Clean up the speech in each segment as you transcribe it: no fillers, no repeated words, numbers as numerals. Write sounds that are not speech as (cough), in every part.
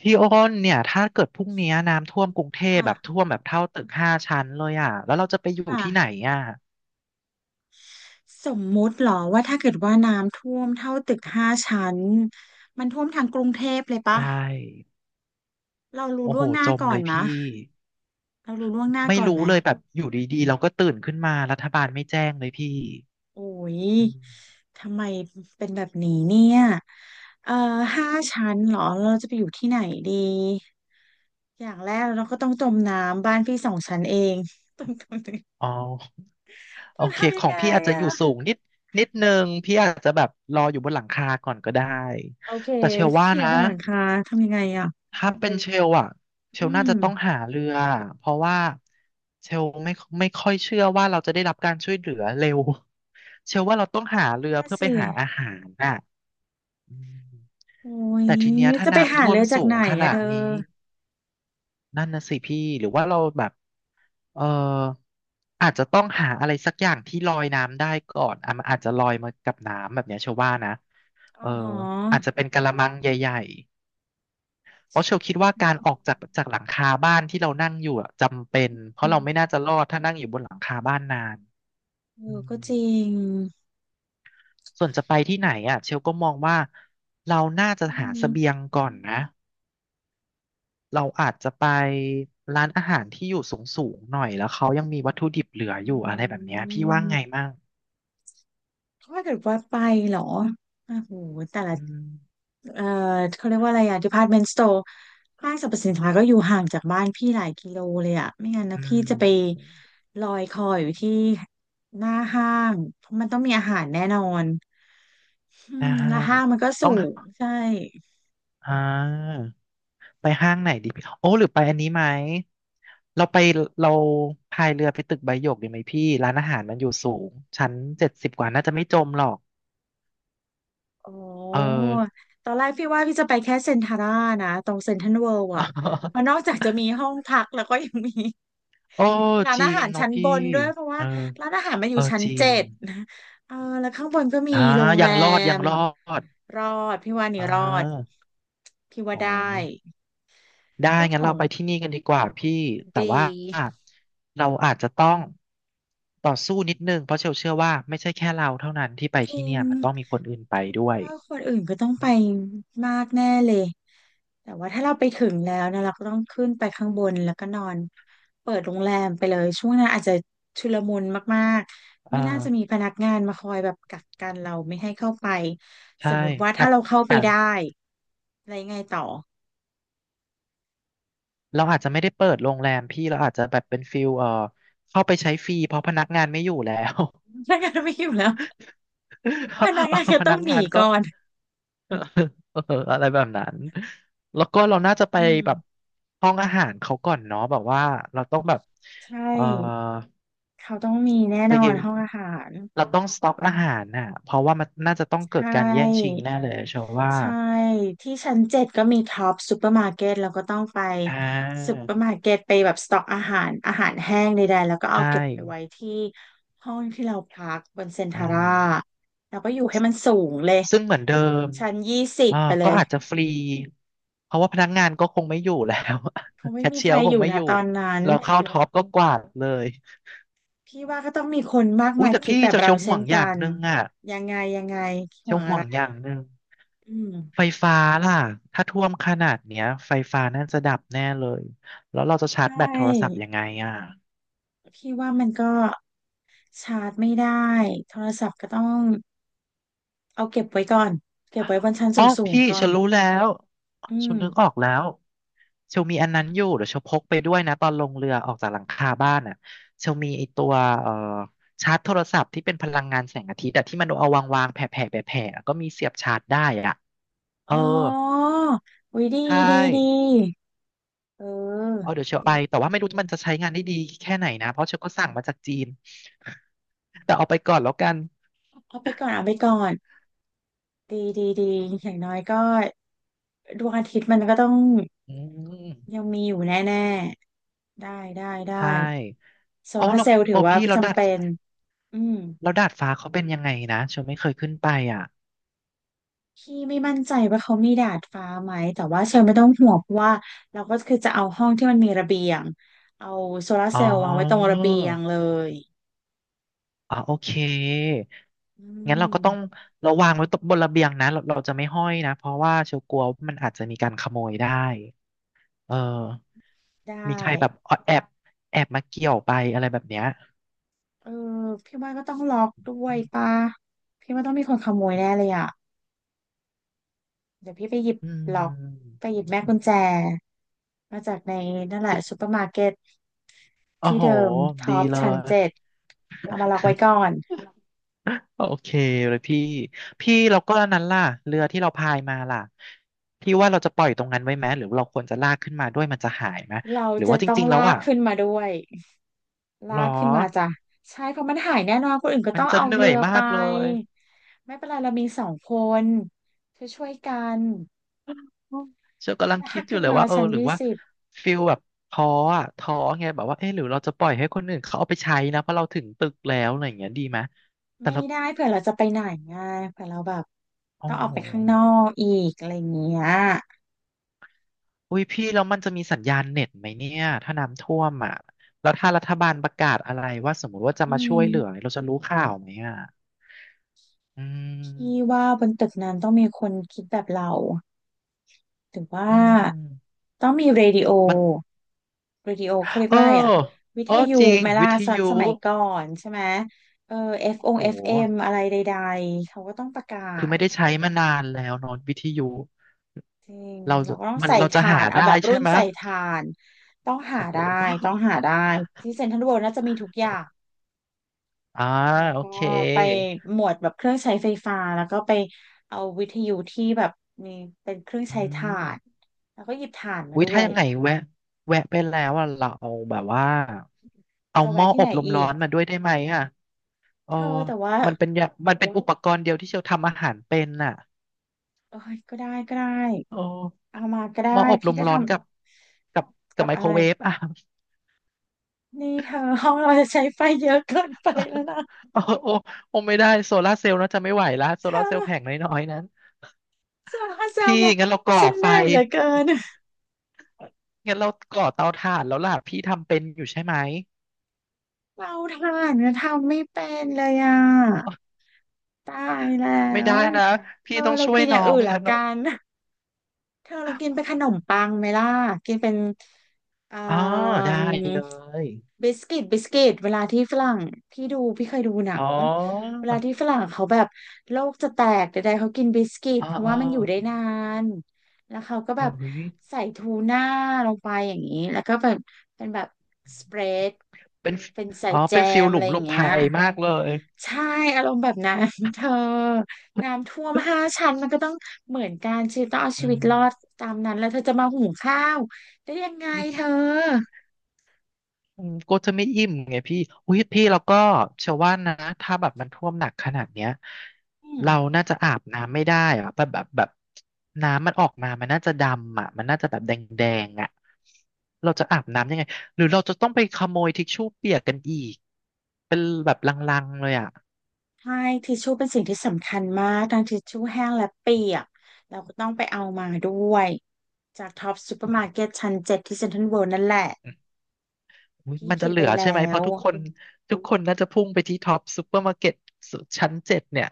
พี่อ้นเนี่ยถ้าเกิดพรุ่งนี้น้ำท่วมกรุงเทพค่ะแบบท่วมแบบเท่าตึกห้าชั้นเลยอ่ะแล้วเราจะไปอยู่ค่ะที่ไหนอ่ะสมมุติเหรอว่าถ้าเกิดว่าน้ำท่วมเท่าตึกห้าชั้นมันท่วมทางกรุงเทพเลยใชปะ่เรารู้โอ้ล่โหวงหน้าจมก่อเลนยมะพี่เรารู้ล่วงหน้าไม่ก่อนไหรู้มเลยแบบอยู่ดีๆเราก็ตื่นขึ้นมารัฐบาลไม่แจ้งเลยพี่โอ้ยอืมทำไมเป็นแบบนี้เนี่ยเอ่อห้าชั้นเหรอเราจะไปอยู่ที่ไหนดีอย่างแรกเราก็ต้องจมน้ำบ้านพี่สองชั้นเอง (laughs) ต้องอ๋อโอต้องเคทำขยังองไงพี่อาจจะอยู่สูอะงนิดนึงพี่อาจจะแบบรออยู่บนหลังคาก่อนก็ได้โอเคแต่เชื่อว่าพี่นะ บนหลังคาทำยังไงอะถ้าเป็นเชลอะเชอืลน่ามจะต้องหาเรือเพราะว่าเชลไม่ค่อยเชื่อว่าเราจะได้รับการช่วยเหลือเร็ว (laughs) เชลว่าเราต้องหานั่เรืนอน่ะเพื่อไปสิ หาอาหารน่ะอืมโอ้ยแต่ทีเนี้ยถ้าจะไปน้ำหาท่วเลมยจากสูไหนงขอะนาเธดอนี้นั่นนะสิพี่หรือว่าเราแบบเอออาจจะต้องหาอะไรสักอย่างที่ลอยน้ำได้ก่อนอ่ะมันอาจจะลอยมากับน้ำแบบเนี้ยเชลว่านะอ๋เอออหออาจจะเป็นกะละมังใหญ่ เพราะเชลคิดว่าโอการออกเคจากหลังคาบ้านที่เรานั่งอยู่อะจำเป็นเพอืราะเราไม่มน่าจะรอดถ้านั่งอยู่บนหลังคาบ้านนานเออือก็จมริงส่วนจะไปที่ไหนอ่ะเชลก็มองว่าเราน่าจะอืหาเสบียมงก่อนนะเราอาจจะไปร้านอาหารที่อยู่สูงสูงหน่อยแล้วเขายังมีวัตถุดิบเหลือออยู่อะไรแบืบเนี้ยพี่ว่าไงมมั่งถ้าเกิดว่าไปเหรอโอ้โหแต่ละอืมเออเขาเรียกว่าอะไรอะ department store ห้างสรรพสินค้าก็อยู่ห่างจากบ้านพี่หลายกิโลเลยอะไม่งั้นนะอืพี่จะไปมลอยคออยู่ที่หน้าห้างเพราะมันต้องมีอาหารแน่นอนอืหน้ามห้าแล้วงห้างมันก็สูต้องงหาใช่ อ่า ไปห้างไหนดีพี่โอ้หรือไปอันนี้ไหมเราไปเราพายเรือไปตึกใบหยกดีไหมพี่ร้านอาหารมันอยู่สูงชั้นเจ็ดสิบกว่าน่าจะไม่จมหรอกโอเออ ้ตอนแรกพี่ว่าพี่จะไปแค่เซ็นทาร่านะตรงเซ็นทรัลเวิลด์อ่ะเพราะนอกจากจะมี (laughs) ห้องพักแล้วก็ยังมี โอ้ (laughs) ยังมีร้านจริอางหารเนาะชั้นบพี่นด้วยเพราะว่าเออร้านอาหารมันอเอยู่อชั้นจริเจ็งดนะเออแล้วข้างบนก็มีอ่าโรงยัแรงรอดยัมงรอดรอดพี่ว่าอ่นี่รอดาพี่ว่าโอ้ได้ได้เจ้าขงั้นอเรางไปที่นี่กันดีกว่าพี่แต่ดี ว่าเราอาจจะต้องต่อสู้นิดนึงเพราะเชลเชื่อว่าไม่ใช่แค่เราเท่านั้นที่ไปจที่ริเนี่งยมันต้องมีคนอื่นไปด้วพี่ย ว่าคนอื่นก็ต้องไปมากแน่เลยแต่ว่าถ้าเราไปถึงแล้วนะเราก็ต้องขึ้นไปข้างบนแล้วก็นอนเปิดโรงแรมไปเลยช่วงนั้นอาจจะชุลมุนมากๆอ่ไม่น่าจะมีาพนักงานมาคอยแบบกักกันเราไม่ให้เข้าไปสใช่มมติว่าอาถ้าจเราเข้าไปอาจได้อะไรไงต่อเราอาจจะไม่ได้เปิดโรงแรมพี่เราอาจจะแบบเป็นฟิลเข้าไปใช้ฟรีเพราะพนักงานไม่อยู่แล้ว พนักงานไม่อยู่แล้วพนัก (laughs) เอองานก็พต้อนังกหนีงานก็ ก่อน (laughs) เอออะไรแบบนั้นแล้วก็เราน่าจะไปอืมแบบห้องอาหารเขาก่อนเนาะแบบว่าเราต้องแบบใช่เออเขาต้องมีแน่ไปนอนห้องอาหารเราต้องสต็อกอาหารน่ะเพราะว่ามันน่าจะต้องใชเกิดการแย่ง่ ชิงแน่เลยเชื่อว่าใช่ที่ชั้นเจ็ดก็มีท็อปซูเปอร์มาร์เก็ตเราก็ต้องไปอ่ซูาเปอร์มาร์เก็ตไปแบบสต็อกอาหารอาหารแห้งใดๆแล้วก็เอาใช่เก็บไปไว้ที่ห้องที่เราพักบนเซ็นอ่ทาร่าา แล้วก็อยู่ให้มันสูงเลยซึ่งเหมือนเดิมชั้นยี่สิบอ่าไปเลก็ยอาจจะฟรี เพราะว่าพนักงานก็คงไม่อยู่แล้ว คง (laughs) แคไม่ชมีเชีใคยร์รก็คอยู่งไม่นะอยู่ตอนนั้นเราเข้า (laughs) ท็อปก็กวาดเลยพี่ว่าก็ต้องมีคนมากอุ้มายยแต่คิดพี่แบบจะเราเชียวห่เช่วนงอกัย่างนหนึ่งอ่ะยังไงยังไงห่เชียววงอะห่วไรงอย่างหนึ่งอืมไฟฟ้าล่ะถ้าท่วมขนาดเนี้ยไฟฟ้าน่าจะดับแน่เลยแล้วเราจะชาใชร์จแบตโทรศัพท์่ยังไงอ่ะ พี่ว่ามันก็ชาร์จไม่ได้โทรศัพท์ก็ต้อง เอาเก็บไว้ก่อนเก็บไว้บนชั้นอ๋อสูงพี่ๆก่อฉันนรู้แล้วอืฉัม นนึกออกแล้วเชลมีอันนั้นอยู่เดี๋ยวเชลพกไปด้วยนะตอนลงเรือออกจากหลังคาบ้านอ่ะเชลมีไอตัวเอ่อชาร์จโทรศัพท์ที่เป็นพลังงานแสงอาทิตย์แต่ที่มันเอาวางแผ่แผ่แผ่แผ่ๆก็มีเสียบชาร์จได้อ่ะเออ๋อออุ้ยดีใช่ดีดี เออเอาเดี๋ยวเชลดีไปแต่ว่าดีไม่รู้มันจะใช้งานได้ดีแค่ไหนนะเพราะเชลก็สั่งมาจากจีน (laughs) แต่เอาไปก่อนแล้วกันเอาไปก่อนเอาไปก่อน ดีดีดี อย่างน้อยก็ดวงอาทิตย์มันก็ต้องอืยัมงมีอยู่แน่ๆได้ได้ได้ใช่โซอ๋อลาแล้ร์เราเซลล์ถืโอ้อว่าพี่จำเป็น อืม เราดาดฟ้าเขาเป็นยังไงนะเชลไม่เคยขึ้นไปอ่ะ พี่ไม่มั่นใจว่าเขามีดาดฟ้าไหมแต่ว่าเชลไม่ต้องห่วงเพราะว่าเราก็คือจะเอาห้องที่มันมีระเบียงเอาโซลาร์อ๋เซอลล์วางไว้ตรงระเบียงเลยอ๋อโอเคอืงั้นเราก็มต้องเราวางไว้ตบบนระเบียงนะเราจะไม่ห้อยนะ เพราะว่าเชียวกลัวว่ามันอาจจะมีการขโมยได้เออได้มีใครแบบแอบแอบมาเกี่ยวไปอะไรแบบเนี้ยเออพี่ว่าก็ต้องล็อกด้วยป่ะพี่ว่าต้องมีคนขโมยแน่เลยอ่ะเดี๋ยวพี่ไปหยิบอืล็อกมไปหยิบแม่กุญแจมาจากในนั่นแหละซึ่งซูเปอร์มาร์เก็ตโอ้ที่โห เดิมท็ดีอปเลชั้นย เจ็ดเอามาล็อกไว้ก่อนโอเคเลยพี่ พี่เราก็อันนั้นล่ะเรือที่เราพายมาล่ะ พี่ว่าเราจะปล่อยตรงนั้นไว้ไหม หรือเราควรจะลากขึ้นมาด้วยมันจะหายไหม เราหรือจะว่าจต้องริงๆแล้วลากอ่ะขึ้นมาด้วย ลาหรอ กขึ้นมาจ้ะใช่เพราะมันหายแน่นอนคนอื่นก็มันต้องจะเอาเหนื่เรือยอมาไปกเลยไม่เป็นไรเรามีสองคนช่วยช่วยกันอืมเชลกำลังลาคิดกอยู่ขึ้นเลยมาว่าเออชั้นหรือยี่ว่าสิบฟิลแบบท้ออะท้อไงแบบว่าเออหรือเราจะปล่อยให้คนอื่นเขาเอาไปใช้นะเพราะเราถึงตึกแล้วอะไรอย่างเงี้ยดีไหมแต่ไม่เราได้เผื่อเราจะไปไหนไงเผื่อเราแบบต้โอ้องออโหกไปข้างนอกอีกอะไรอย่างเงี้ยอุ้ยพี่แล้วมันจะมีสัญญาณเน็ตไหมเนี่ยถ้าน้ำท่วมอ่ะแล้วถ้ารัฐบาลประกาศอะไรว่าสมมติว่าจะอืมาช่วยเหลือมเราจะรู้ข่าวไหมอ่ะอืพี่มว่าบนตึกนั้นต้องมีคนคิดแบบเราถึงว่าอืมต้องมีเรดิโอ มันวิดีโอเขาเรียกเออว่าอะไรอ่ะวิเอทอยุจริงไหมล่ะวิทสมัยยุสมัยก่อนใช่ไหมเออ F อฟอง โห FM อฟเอ็มอะไรใดๆเขาก็ต้องประกาคือศไม่ได้ใช้มานานแล้วเนอะวิทยุจริงเราเราจะก็ต้องมันใส่เราจะถาหานเอาได้แบบใช่รุ่นไหมใส่ถานต้องหาโอ้โหได้ต้องหาได้ที่เซ็นทรัลเวิลด์น่าจะมีทุกอย่างโอ้อ่าแล้วโอก็เคไปหมวดแบบเครื่องใช้ไฟฟ้าแล้วก็ไปเอาวิทยุที่แบบมีเป็นเครื่องอืใช้ถ่านมแล้วก็หยิบถ่านมาอุ้ยด้วถ้ายยังไงแวะไปแล้วอ่ะเราเอาแบบว่าเอาจะหม้แวะอที่อไหนบลมอีร้อกนมาด้วยได้ไหมอ่ะเออเธอแต่ว่ามันเป็นอุปกรณ์เดียวที่เชลทำอาหารเป็นน่ะเอ้ยก็ได้ก็ได้ โอ้เอามาก็ได้หม้ออบลพี่มก็ร้อนทำกับกับกับไมอะโครไรเวฟอ่ะ นี่เธอห้องเราจะใช้ไฟเยอะเกินไปแล้วนะโอ้โอ้โอ้ไม่ได้โซลาร์เซลล์เนอะจะไม่ไหวละโซเธลาร์เซลอล์แผงน้อยๆนั้นสาวเซลพี่บอกงั้นเราก่อฉันเหไฟนื่อยเหลือเกินงั้นเราก่อเตาถ่านแล้วล่ะพี่ทำเป็นอยู่ใช่ไหมเราทานก็ทำไม่เป็นเลยอ่ะตายแล้ไม่ได้วนะเธพี่อต้องเราช่วยกินอน้ย่าองงอื่นนะละกัเนาะนเธอเรากินเป็นขนมปังไหมล่ะกินเป็นเอ่อ อ๋อได้เลยบิสกิตบิสกิตเวลาที่ฝรั่งพี่ดูพี่เคยดูหนัอ๋งอเวลาที่ฝรั่งเขาแบบโลกจะแตกใดๆเขากินบิสกิตอ๋อเพราะอ๋อว่ามันอยู่ได้นานแล้วเขาก็โอ้แบบยใส่ทูน่าลงไปอย่างนี้แล้วก็แบบเป็นแบบสเปรดเป็นเป็นใส่อ๋อแจเป็นฟิลมหอะลุไรมอหลย่างบเงี้ยภัยมากเลยใช่อารมณ์แบบนั้น (laughs) เธอน้ำท่วมห้าชั้นมันก็ต้องเหมือนกันชีวิตต้องเอาชีอืวิม ตรอดตามนั้นแล้วเธอจะมาหุงข้าวได้ยังไงเธออืมก็จะไม่อิ่มไงพี่อุ้ยพี่แล้วก็เชื่อว่านะถ้าแบบมันท่วมหนักขนาดเนี้ยอืม เราน่าจะอาบน้ำไม่ได้อะแบบน้ำมันออกมามันน่าจะดำอ่ะมันน่าจะแบบแดงแดงอ่ะเราจะอาบน้ำยังไงหรือเราจะต้องไปขโมยทิชชู่เปียกกันอีกเป็นแบบลังๆเลยอ่ะใช่ทิชชู่เป็นสิ่งที่สำคัญมากทั้งทิชชู่แห้งและเปียกเราก็ต้องไปเอามาด้วยจากท็อปซูเปอร์มาร์เก็ตชั้นเจ็ดที่เซ็นทรัลเวิลด์นั่นแหละอมอุ้ยพี่มันจะคิดเหลืไว้อแล้ใช่ไหมเพวราะทุกคนน่าจะพุ่งไปที่ท็อปซูเปอร์มาร์เก็ตชั้นเจ็ดเนี่ย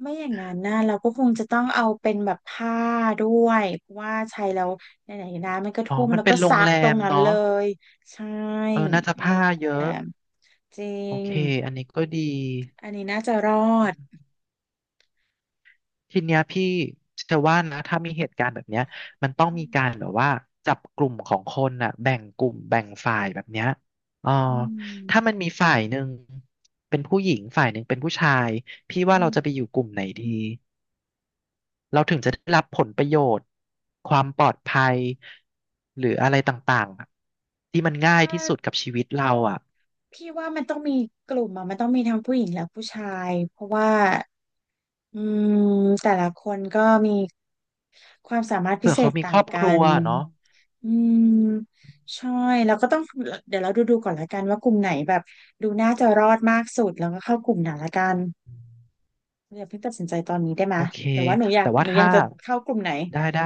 ไม่อย่างนั้นนะเราก็คงจะต้องเอาเป็นแบบผ้าด้วยเพราะว่าใช้แล้วไหนๆนะมันก็อ๋อท่วมมันแล้วเป็ก็นโรซังกแรตรงมนั้นเนาะเลยใช่เออน่าจะเป็นผ้าโรงแรเยอะ มจริโองเคอันนี้ก็ดีอันนี้น่าจะรออืดมทีเนี้ยพี่จะว่านะถ้ามีเหตุการณ์แบบเนี้ยมันต้องอืมีมการแบบว่าจับกลุ่มของคนน่ะแบ่งกลุ่มแบ่งฝ่ายแบบเนี้ยอ๋ออืถ้ามันมมีฝ่ายหนึ่งเป็นผู้หญิงฝ่ายหนึ่งเป็นผู้ชาย พี่ว่าอืเรามจะไปอยู่กลุ่มไหนดี เราถึงจะได้รับผลประโยชน์ความปลอดภัยหรืออะไรต่างๆอะที่มันง่ายที่สุดใช่ กับชีวิตเราอ่ะพี่ว่ามันต้องมีกลุ่มอ่ะมันต้องมีทั้งผู้หญิงและผู้ชายเพราะว่าอืมแต่ละคนก็มีความสามารถพิเผื่อเศเขาษมีต่าครงอบคกัรัวนเนาะอืมใช่แล้วก็ต้องเดี๋ยวเราดูก่อนละกันว่ากลุ่มไหนแบบดูน่าจะรอดมากสุดแล้วก็เข้ากลุ่มไหนละกันอย่าเพิ่งตัดสินใจตอนนี้ได้ไหมโอยเคหรือว่าหนูอยากแต่หว่านูอยาถ้ากจะเข้ากลุ่มไหนได้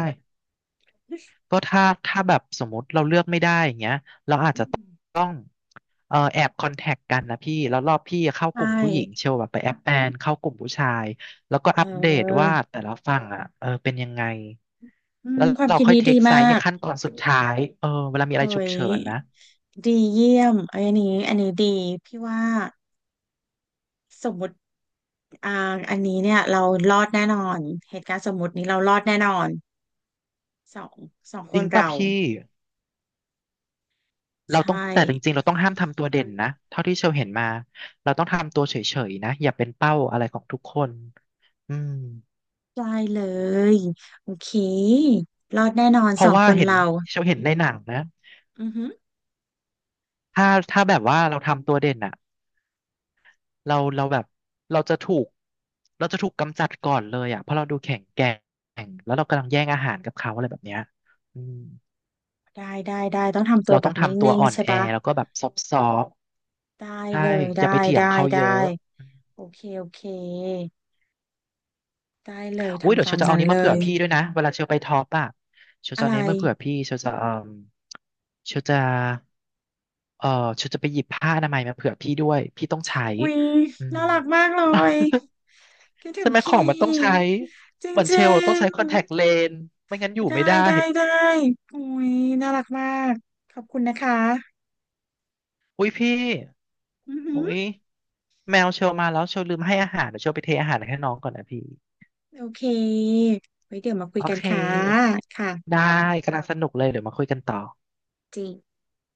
ก็ถ้าแบบสมมติเราเลือกไม่ได้อย่างเงี้ยเราอาจอืจะมต้องแอบคอนแทคกันนะพี่แล้วรอบพี่เข้าใชกลุ่มผู้หญิง่เชียวแบบไปแอบแอนเข้ากลุ่มผู้ชายแล้วก็เอัปเดตว่าออแต่ละฝั่งอ่ะเออเป็นยังไงอืมแล้วความเราคิดค่อยนี้เทดีคไซมาส์ในก ขั้นตอนสุดท้ายเออเวลามีอะไรเฮ้ฉุกยเฉินนะดีเยี่ยมเอ้ยอันนี้อันนี้ดีพี่ว่าสมมติอ่าอันนี้เนี่ยเรารอดแน่นอนเหตุการณ์สมมตินี้เรารอดแน่นอนสองสองคจรินงป่ะเราพี่เราใช่ต้องแต่จริงๆเราต้องห้ามทำตัวเด่นนะเท่าที่เชลเห็นมาเราต้องทำตัวเฉยๆนะอย่าเป็นเป้าอะไรของทุกคนอืมได้เลยโอเครอดแน่นอนเพสราะองว่าคนเห็นเราเชลเห็นในหนังนะ อือฮึถ้าแบบว่าเราทำตัวเด่นอะเราแบบเราจะถูกเราจะถูกกำจัดก่อนเลยอะเพราะเราดูแข็งแกร่งแล้วเรากำลังแย่งอาหารกับเขาอะไรแบบเนี้ยอืมได้ต้องทำตัวเราแบต้อบงนิทำตัว่งอ่อๆนใช่แอปะแล้วก็แบบซอฟต์ได้ๆใช่เลยอย่าไปเถียได้งเขาได้เยอะโอเคโอเคได้เลยอุ้ยเดี๋ทำยวเชตามลจะเอานั้นนี้เลมาเผื่อยพี่ด้วยนะเวลาเชลไปท็อปอะเชลอะจะเอาไรนี้มาเผื่อพี่เชลจะเออเชลจะไปหยิบผ้าอนามัยมาเผื่อพี่ด้วยพี่ต้องใช้วิอืม น่ารักมากเลย คิดถึใช่งไหมขอพี่งมันต้องใช้จรเหมือนเชลิล์ต้องงใช้คอนแทคเลนส์ไม่งั้นอยู่ๆได้ไม่ได้ได้ได้โอ้ยน่ารักมากขอบคุณนะคะอุ้ยพี่อือหือุ้ยอแมวเชลมาแล้วเชลลืมให้อาหารเดี๋ยวเชลไปเทอาหารให้น้องก่อนนะพี่โอเคไว้เดี๋ยวมาคุโอยกันเคค่ะได้ค่ะกำลังสนุกเลยเดี๋ยวมาคุยกันต่อจริง